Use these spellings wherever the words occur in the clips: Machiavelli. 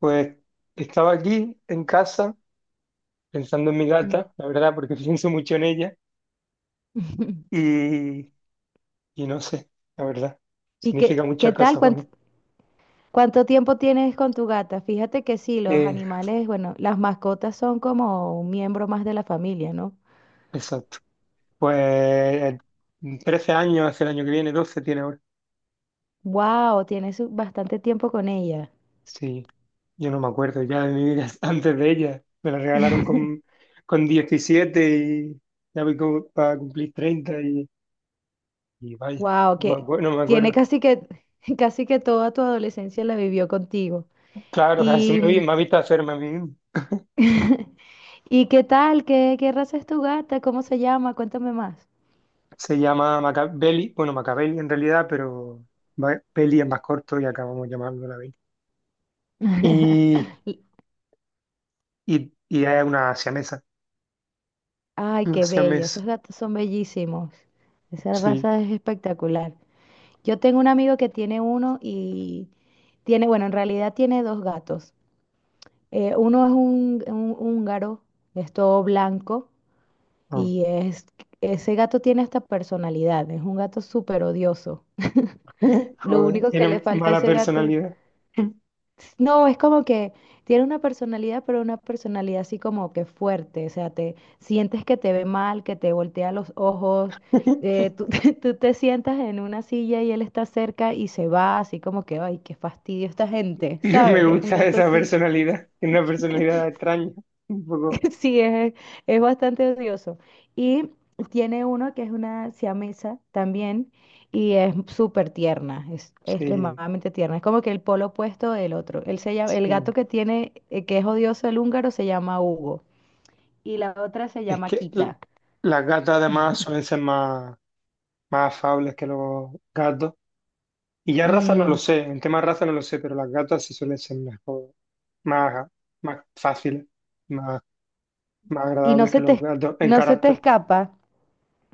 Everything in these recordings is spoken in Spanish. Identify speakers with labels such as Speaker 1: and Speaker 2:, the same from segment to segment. Speaker 1: Pues estaba aquí en casa pensando en mi
Speaker 2: Mm.
Speaker 1: gata, la verdad, porque pienso mucho en ella y, y no sé, la verdad,
Speaker 2: ¿Y
Speaker 1: significa
Speaker 2: qué
Speaker 1: muchas
Speaker 2: tal?
Speaker 1: cosas para
Speaker 2: ¿Cuánto,
Speaker 1: mí.
Speaker 2: cuánto tiempo tienes con tu gata? Fíjate que sí, los
Speaker 1: Eh,
Speaker 2: animales, bueno, las mascotas son como un miembro más de la familia, ¿no?
Speaker 1: exacto. Pues 13 años, hace el año que viene, 12 tiene ahora.
Speaker 2: Wow, tienes bastante tiempo con ella.
Speaker 1: Sí, yo no me acuerdo ya de mi vida antes de ella. Me la regalaron con 17 y ya voy como para cumplir treinta y vaya,
Speaker 2: Wow, que
Speaker 1: no me
Speaker 2: tiene
Speaker 1: acuerdo.
Speaker 2: casi que casi que toda tu adolescencia la vivió contigo.
Speaker 1: Claro,
Speaker 2: Y
Speaker 1: me ha visto hacerme a mí mismo.
Speaker 2: ¿y qué tal? ¿Qué raza es tu gata? ¿Cómo se llama? Cuéntame más.
Speaker 1: Se llama Machiavelli, bueno, Machiavelli en realidad, pero Peli es más corto y acabamos llamando la Belly. Y,
Speaker 2: Y-
Speaker 1: y es una siamesa,
Speaker 2: Ay,
Speaker 1: una
Speaker 2: qué bello,
Speaker 1: siamesa,
Speaker 2: esos gatos son bellísimos. Esa
Speaker 1: sí.
Speaker 2: raza es espectacular. Yo tengo un amigo que tiene uno y tiene, bueno, en realidad tiene dos gatos. Uno es un húngaro, es todo blanco
Speaker 1: No.
Speaker 2: y ese gato tiene hasta personalidad, es un gato súper odioso. Lo
Speaker 1: Joder,
Speaker 2: único que
Speaker 1: tiene
Speaker 2: le falta a
Speaker 1: mala
Speaker 2: ese gato.
Speaker 1: personalidad.
Speaker 2: No, es como que tiene una personalidad, pero una personalidad así como que fuerte, o sea, te sientes que te ve mal, que te voltea los ojos, tú, tú te sientas en una silla y él está cerca y se va así como que, ay, qué fastidio esta gente,
Speaker 1: No me
Speaker 2: ¿sabes? Es un
Speaker 1: gusta
Speaker 2: gato
Speaker 1: esa
Speaker 2: así.
Speaker 1: personalidad, tiene una personalidad extraña, un poco.
Speaker 2: Sí, es bastante odioso. Y tiene uno que es una siamesa también y es súper tierna, es
Speaker 1: Sí,
Speaker 2: extremadamente tierna. Es como que el polo opuesto del otro. Él se llama- el gato
Speaker 1: sí.
Speaker 2: que tiene, que es odioso el húngaro, se llama Hugo y la otra se
Speaker 1: Es
Speaker 2: llama
Speaker 1: que l-
Speaker 2: Kita.
Speaker 1: las gatas además suelen ser más, más afables que los gatos. Y ya raza no lo
Speaker 2: Mm.
Speaker 1: sé, en tema raza no lo sé, pero las gatas sí suelen ser mejor más, más fáciles, más, más
Speaker 2: Y no
Speaker 1: agradables
Speaker 2: se
Speaker 1: que
Speaker 2: te,
Speaker 1: los
Speaker 2: es-
Speaker 1: gatos en
Speaker 2: no se te
Speaker 1: carácter.
Speaker 2: escapa,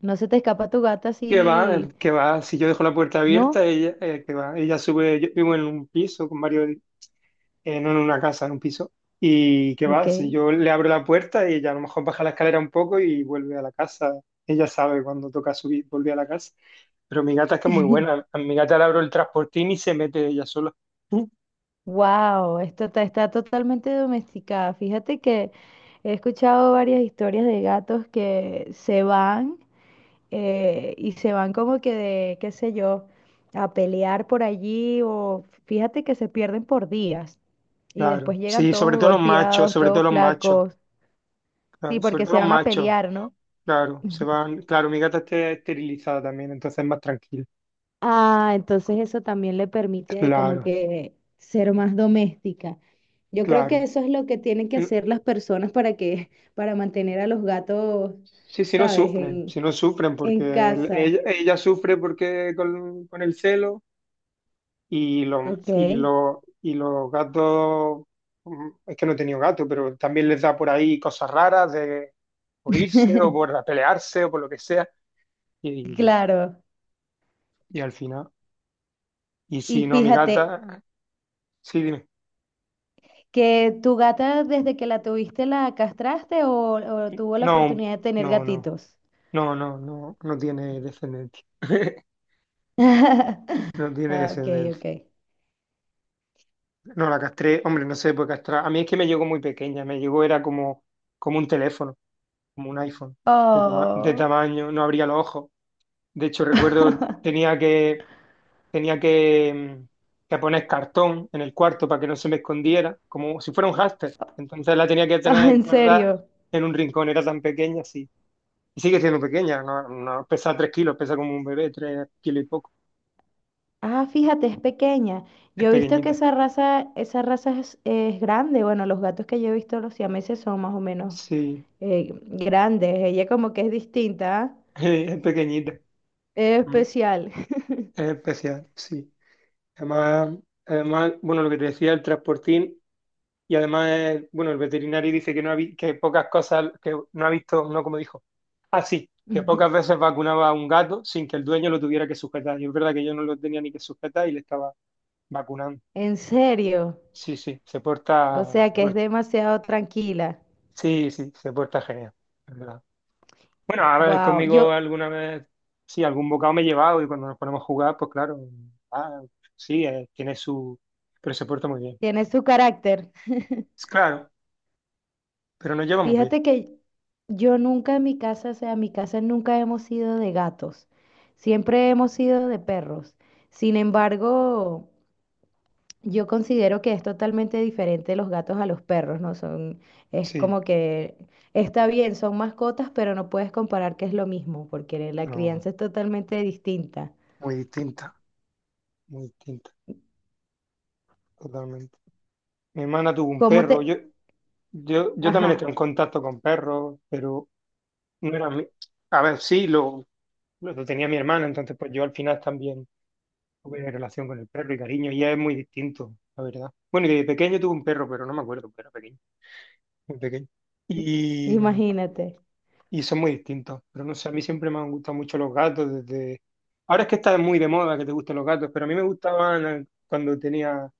Speaker 2: no se te escapa tu gata así,
Speaker 1: Que va, si yo dejo la puerta
Speaker 2: ¿no?
Speaker 1: abierta, ella, que va, ella sube, yo vivo en un piso con varios, no en una casa, en un piso, y que
Speaker 2: Ok.
Speaker 1: va, si yo le abro la puerta, ella a lo mejor baja la escalera un poco y vuelve a la casa, ella sabe cuando toca subir, vuelve a la casa, pero mi gata es que es muy buena, a mi gata le abro el transportín y se mete ella sola. Mm.
Speaker 2: Wow, está totalmente domesticada. Fíjate que he escuchado varias historias de gatos que se van y se van como que de, qué sé yo, a pelear por allí o fíjate que se pierden por días y
Speaker 1: Claro,
Speaker 2: después llegan
Speaker 1: sí,
Speaker 2: todos
Speaker 1: sobre todo los machos,
Speaker 2: golpeados,
Speaker 1: sobre todo
Speaker 2: todos
Speaker 1: los machos,
Speaker 2: flacos. Sí,
Speaker 1: claro, sobre
Speaker 2: porque
Speaker 1: todo
Speaker 2: se
Speaker 1: los
Speaker 2: van a
Speaker 1: machos.
Speaker 2: pelear, ¿no?
Speaker 1: Claro, se va, claro, mi gata está esterilizada también, entonces es más tranquila.
Speaker 2: Ah, entonces eso también le permite de como
Speaker 1: Claro,
Speaker 2: que ser más doméstica. Yo creo que
Speaker 1: claro.
Speaker 2: eso es lo que tienen que
Speaker 1: Mm.
Speaker 2: hacer las personas para que, para mantener a los gatos,
Speaker 1: Sí,
Speaker 2: ¿sabes?
Speaker 1: sí, no sufren, porque
Speaker 2: En casa.
Speaker 1: ella, sufre porque con el celo y, los y,
Speaker 2: Ok.
Speaker 1: los y los gatos, es que no he tenido gato, pero también les da por ahí cosas raras de por irse o por pelearse o por lo que sea. Y,
Speaker 2: Claro.
Speaker 1: y al final, y
Speaker 2: Y
Speaker 1: si no, mi
Speaker 2: fíjate,
Speaker 1: gata, sí, dime.
Speaker 2: que tu gata desde que la tuviste la castraste o tuvo la
Speaker 1: No,
Speaker 2: oportunidad de tener
Speaker 1: no, no.
Speaker 2: gatitos.
Speaker 1: No, no, no, no tiene descendencia. No tiene
Speaker 2: Ah, ok,
Speaker 1: descendencia.
Speaker 2: ok.
Speaker 1: No, la castré, hombre, no se puede castrar. A mí es que me llegó muy pequeña, me llegó, era como, como un teléfono, como un iPhone, de, de
Speaker 2: Oh.
Speaker 1: tamaño, no abría los ojos. De hecho, recuerdo, tenía que, mm, que poner cartón en el cuarto para que no se me escondiera, como si fuera un hámster. Entonces la tenía que
Speaker 2: Ah,
Speaker 1: tener
Speaker 2: en
Speaker 1: guardada
Speaker 2: serio.
Speaker 1: en un rincón, era tan pequeña, sí. Y sigue siendo pequeña, no, no, pesa 3 kilos, pesa como un bebé, 3 kilos y poco,
Speaker 2: Ah, fíjate, es pequeña.
Speaker 1: es
Speaker 2: Yo he visto que
Speaker 1: pequeñita.
Speaker 2: esa raza, es grande. Bueno, los gatos que yo he visto, los siameses, son más o menos
Speaker 1: Sí,
Speaker 2: grandes. Ella como que es distinta, ¿ah?
Speaker 1: es pequeñita,
Speaker 2: Es
Speaker 1: mm,
Speaker 2: especial.
Speaker 1: es especial, sí. Además, además, bueno, lo que te decía, el transportín, y además, bueno, el veterinario dice que no ha vi- que pocas cosas, que no ha visto, no como dijo. Ah, sí, que pocas veces vacunaba a un gato sin que el dueño lo tuviera que sujetar. Y es verdad que yo no lo tenía ni que sujetar y le estaba vacunando.
Speaker 2: En serio.
Speaker 1: Sí, sí, se
Speaker 2: O
Speaker 1: porta,
Speaker 2: sea
Speaker 1: se
Speaker 2: que es
Speaker 1: porta.
Speaker 2: demasiado tranquila.
Speaker 1: Sí, sí, se porta genial. Bueno, a ver,
Speaker 2: Wow.
Speaker 1: conmigo
Speaker 2: Yo,
Speaker 1: alguna vez, sí, algún bocado me he llevado y cuando nos ponemos a jugar, pues claro, ah, sí, tiene su... pero se porta muy bien.
Speaker 2: tiene su carácter.
Speaker 1: Es claro, pero nos llevamos bien.
Speaker 2: Fíjate que yo nunca en mi casa, o sea, en mi casa nunca hemos sido de gatos. Siempre hemos sido de perros. Sin embargo. Yo considero que es totalmente diferente los gatos a los perros, ¿no? Son, es
Speaker 1: Sí,
Speaker 2: como que está bien, son mascotas, pero no puedes comparar que es lo mismo, porque la
Speaker 1: no,
Speaker 2: crianza es totalmente distinta.
Speaker 1: muy distinta, muy distinta, totalmente. Mi hermana tuvo un
Speaker 2: ¿Cómo
Speaker 1: perro,
Speaker 2: te...?
Speaker 1: yo también
Speaker 2: Ajá,
Speaker 1: estoy en contacto con perros, pero no era mi... A ver, sí, lo tenía mi hermana, entonces pues yo al final también tuve relación con el perro y cariño, y es muy distinto, la verdad. Bueno, y de pequeño tuve un perro, pero no me acuerdo, pero pequeño. Muy pequeño. Y,
Speaker 2: imagínate.
Speaker 1: y son muy distintos. Pero no sé, a mí siempre me han gustado mucho los gatos desde... Ahora es que está muy de moda que te gusten los gatos, pero a mí me gustaban cuando tenía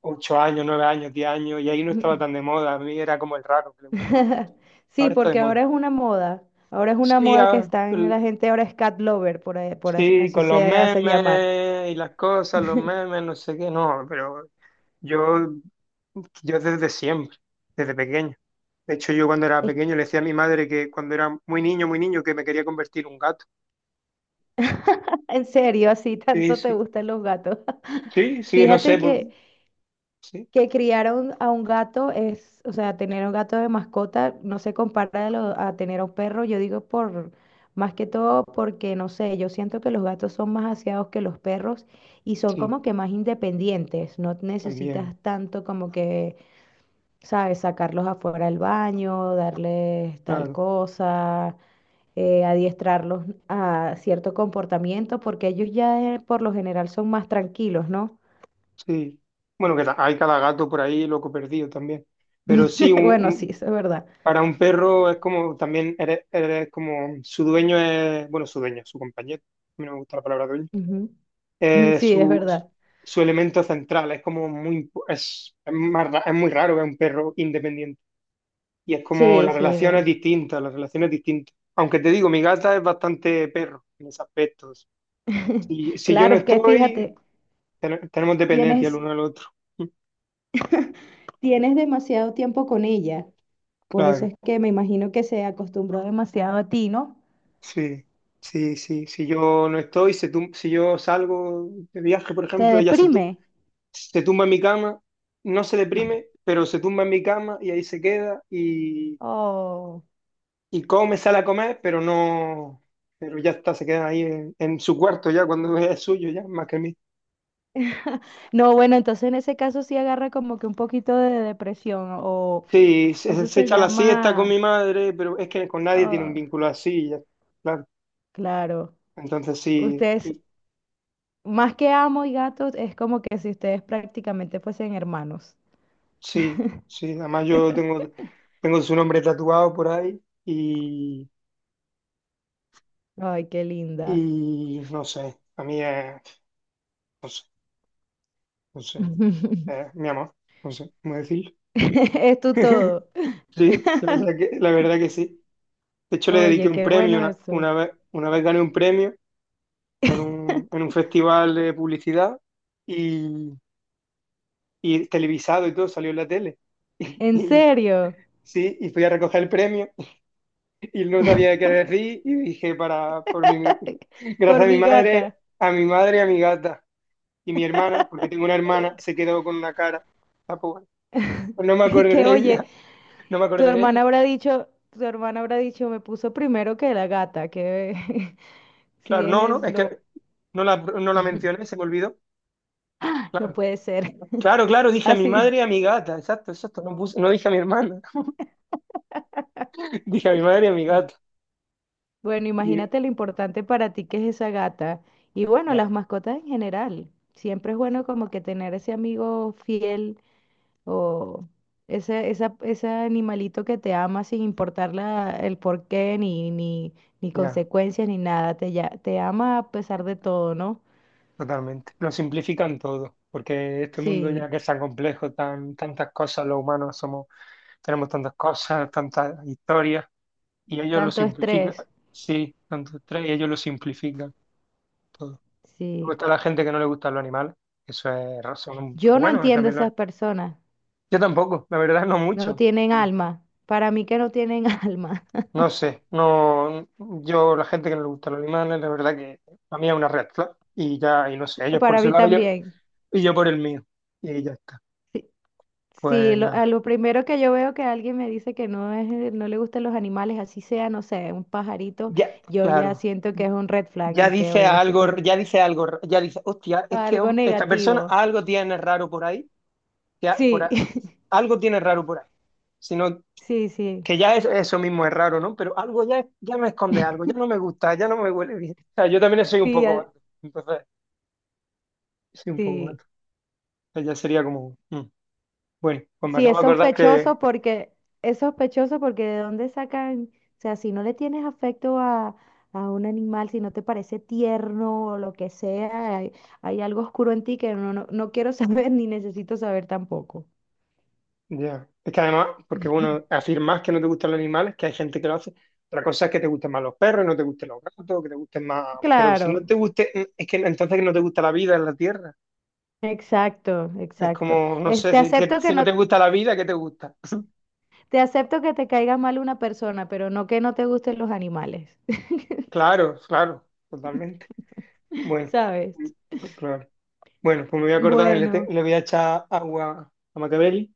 Speaker 1: 8 años, 9 años, 10 años, y ahí no estaba tan de moda. A mí era como el raro que le gustan los gatos.
Speaker 2: Sí,
Speaker 1: Ahora está de
Speaker 2: porque
Speaker 1: moda.
Speaker 2: ahora es una moda. Ahora es una
Speaker 1: Sí,
Speaker 2: moda que está en la gente, ahora es cat lover, por, ahí- por as-
Speaker 1: sí,
Speaker 2: así
Speaker 1: con los
Speaker 2: se hacen llamar.
Speaker 1: memes y las cosas, los memes, no sé qué, no, pero Yo, yo desde siempre, desde pequeño. De hecho, yo cuando era
Speaker 2: Es que,
Speaker 1: pequeño le decía a mi madre que cuando era muy niño, que me quería convertir en un gato.
Speaker 2: en serio, así
Speaker 1: Sí,
Speaker 2: tanto te
Speaker 1: sí,
Speaker 2: gustan los gatos.
Speaker 1: sí, sí, no sé,
Speaker 2: Fíjate
Speaker 1: por...
Speaker 2: que
Speaker 1: sí,
Speaker 2: que criar a un gato es, o sea, tener un gato de mascota no se compara de lo- a tener a un perro, yo digo por, más que todo porque, no sé, yo siento que los gatos son más aseados que los perros y son
Speaker 1: sí,
Speaker 2: como que más independientes, no
Speaker 1: también,
Speaker 2: necesitas tanto como que, sabes, sacarlos afuera al baño, darles tal
Speaker 1: claro,
Speaker 2: cosa. Eh, adiestrarlos a cierto comportamiento porque ellos ya por lo general son más tranquilos, ¿no?
Speaker 1: sí. Bueno, hay cada gato por ahí loco perdido también. Pero sí,
Speaker 2: Bueno, sí, eso es verdad.
Speaker 1: para un perro es como, también eres, eres como, su dueño es, bueno, su dueño, su compañero. A mí no me gusta la palabra dueño
Speaker 2: Sí, es
Speaker 1: su,
Speaker 2: verdad.
Speaker 1: su elemento central. Es como muy, es, es muy raro ver un perro independiente. Y es como
Speaker 2: Sí,
Speaker 1: la
Speaker 2: sí,
Speaker 1: relación
Speaker 2: no.
Speaker 1: es distinta, la relación es distinta. Aunque te digo, mi gata es bastante perro en ese aspecto. Si, si yo
Speaker 2: Claro,
Speaker 1: no
Speaker 2: es que
Speaker 1: estoy,
Speaker 2: fíjate,
Speaker 1: tenemos dependencia el
Speaker 2: tienes,
Speaker 1: uno al otro.
Speaker 2: tienes demasiado tiempo con ella. Por eso
Speaker 1: Claro,
Speaker 2: es que me imagino que se acostumbró demasiado a ti, ¿no?
Speaker 1: sí, sí, sí. Si yo no estoy, si yo salgo de viaje, por
Speaker 2: Se
Speaker 1: ejemplo,
Speaker 2: deprime.
Speaker 1: se tumba en mi cama, no se deprime, pero se tumba en mi cama y ahí se queda y,
Speaker 2: Oh.
Speaker 1: Y come, sale a comer, pero no, pero ya está, se queda ahí en su cuarto ya, cuando es suyo ya, más que mío.
Speaker 2: No, bueno, entonces en ese caso sí agarra como que un poquito de depresión
Speaker 1: Sí,
Speaker 2: o
Speaker 1: se,
Speaker 2: eso
Speaker 1: se
Speaker 2: se
Speaker 1: echa la siesta con
Speaker 2: llama,
Speaker 1: mi madre, pero es que con nadie tiene un
Speaker 2: ah,
Speaker 1: vínculo así, ya, claro.
Speaker 2: claro,
Speaker 1: Entonces sí,
Speaker 2: ustedes, más que amo y gatos, es como que si ustedes prácticamente fuesen hermanos.
Speaker 1: sí, sí, además yo tengo, tengo su nombre tatuado por ahí
Speaker 2: Ay, qué linda.
Speaker 1: y no sé, a mí es, no sé, no sé, es mi amor, no sé cómo decirlo.
Speaker 2: Es tu todo.
Speaker 1: Sí, la verdad que sí. De hecho, le dediqué
Speaker 2: Oye,
Speaker 1: un
Speaker 2: qué
Speaker 1: premio,
Speaker 2: bueno eso.
Speaker 1: una vez gané un premio en un festival de publicidad y, y televisado y todo, salió en la tele.
Speaker 2: En
Speaker 1: Y
Speaker 2: serio,
Speaker 1: sí, y fui a recoger el premio y no sabía qué decir y dije para, por mi,
Speaker 2: por
Speaker 1: gracias
Speaker 2: mi gata.
Speaker 1: a mi madre y a mi gata y mi hermana, porque tengo una hermana, se quedó con una cara. Ah, pues bueno, pues no me
Speaker 2: Y
Speaker 1: acordé
Speaker 2: que,
Speaker 1: de
Speaker 2: oye,
Speaker 1: ella, no me
Speaker 2: tu
Speaker 1: acordé de
Speaker 2: hermana
Speaker 1: ella.
Speaker 2: habrá dicho, tu hermana habrá dicho, me puso primero que la gata, que si
Speaker 1: Claro,
Speaker 2: es,
Speaker 1: no, no,
Speaker 2: es
Speaker 1: es que
Speaker 2: lo,
Speaker 1: no la, no la mencioné, se me olvidó.
Speaker 2: no
Speaker 1: Claro.
Speaker 2: puede ser.
Speaker 1: Claro, claro, dije a mi
Speaker 2: Así.
Speaker 1: madre y a mi gata, exacto, exacto, no puse, no dije a mi hermana, dije a mi madre y a mi gata.
Speaker 2: Bueno,
Speaker 1: Y
Speaker 2: imagínate lo importante para ti que es esa gata. Y bueno, las
Speaker 1: ya,
Speaker 2: mascotas en general. Siempre es bueno como que tener ese amigo fiel. O ese, esa, ese animalito que te ama sin importar el porqué, ni, ni, ni
Speaker 1: ya,
Speaker 2: consecuencias, ni nada. Te, ya- te ama a pesar de todo, ¿no?
Speaker 1: totalmente. Lo simplifican todo, porque este mundo ya
Speaker 2: Sí,
Speaker 1: que es tan complejo, tan, tantas cosas, los humanos somos, tenemos tantas cosas, tantas historias, y ellos lo
Speaker 2: tanto
Speaker 1: simplifican,
Speaker 2: estrés.
Speaker 1: sí, tantos tres, y ellos lo simplifican todo. Luego
Speaker 2: Sí.
Speaker 1: está la gente que no le gustan los animales, eso es razón, pero
Speaker 2: Yo no
Speaker 1: bueno,
Speaker 2: entiendo
Speaker 1: también lo es.
Speaker 2: esas personas.
Speaker 1: Yo tampoco, la verdad, no
Speaker 2: No
Speaker 1: mucho.
Speaker 2: tienen alma. Para mí que no tienen alma.
Speaker 1: No sé, no, yo, la gente que no le gusta los animales, la verdad que a mí es una red flag. Y ya, y no sé, ellos por
Speaker 2: Para
Speaker 1: su
Speaker 2: mí
Speaker 1: lado
Speaker 2: también.
Speaker 1: y yo por el mío. Y ya está. Pues
Speaker 2: Sí, lo, a
Speaker 1: nada,
Speaker 2: lo primero que yo veo que alguien me dice que no es, no le gustan los animales, así sea, no sé, un pajarito,
Speaker 1: ya,
Speaker 2: yo ya
Speaker 1: claro.
Speaker 2: siento que es un red flag
Speaker 1: Ya
Speaker 2: y que,
Speaker 1: dice
Speaker 2: oye, este,
Speaker 1: algo,
Speaker 2: per-
Speaker 1: ya dice algo, ya dice, hostia,
Speaker 2: Algo
Speaker 1: esta
Speaker 2: negativo.
Speaker 1: persona algo tiene raro por ahí, ya por
Speaker 2: Sí,
Speaker 1: a- algo tiene raro por ahí. Sino
Speaker 2: sí, sí.
Speaker 1: que ya es, eso mismo es raro, ¿no? Pero algo ya, ya me esconde algo, ya no me gusta, ya no me huele bien. O sea, yo también soy un
Speaker 2: Sí,
Speaker 1: poco
Speaker 2: a-
Speaker 1: gato. Entonces, soy un poco
Speaker 2: sí.
Speaker 1: gato. O sea, ya sería como. Mm. Bueno, pues me
Speaker 2: Sí,
Speaker 1: acabo de acordar que,
Speaker 2: es sospechoso porque de dónde sacan, o sea, si no le tienes afecto a un animal, si no te parece tierno o lo que sea, hay algo oscuro en ti que no, no, no quiero saber ni necesito saber tampoco.
Speaker 1: ya, es que además, porque uno afirmas que no te gustan los animales, que hay gente que lo hace, otra cosa es que te gusten más los perros, no te gusten los gatos, que te gusten más, pero si no
Speaker 2: Claro,
Speaker 1: te guste, es que entonces no te gusta la vida en la tierra,
Speaker 2: exacto,
Speaker 1: es
Speaker 2: exacto.
Speaker 1: como, no
Speaker 2: Es-
Speaker 1: sé,
Speaker 2: te
Speaker 1: si, que,
Speaker 2: acepto que
Speaker 1: si no
Speaker 2: no,
Speaker 1: te gusta la vida, ¿qué te gusta?
Speaker 2: te acepto que te caiga mal una persona, pero no que no te gusten los animales,
Speaker 1: Claro, claro, totalmente. Bueno,
Speaker 2: ¿sabes?
Speaker 1: claro. Bueno, pues me voy a acordar,
Speaker 2: Bueno,
Speaker 1: le voy a echar agua a Machiavelli,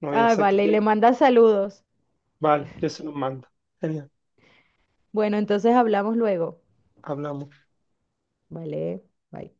Speaker 1: no voy a
Speaker 2: ah,
Speaker 1: ser que
Speaker 2: vale, y le
Speaker 1: tiene.
Speaker 2: manda saludos.
Speaker 1: Vale, yo se los mando. Genial,
Speaker 2: Bueno, entonces hablamos luego.
Speaker 1: hablamos.
Speaker 2: Vale, bye.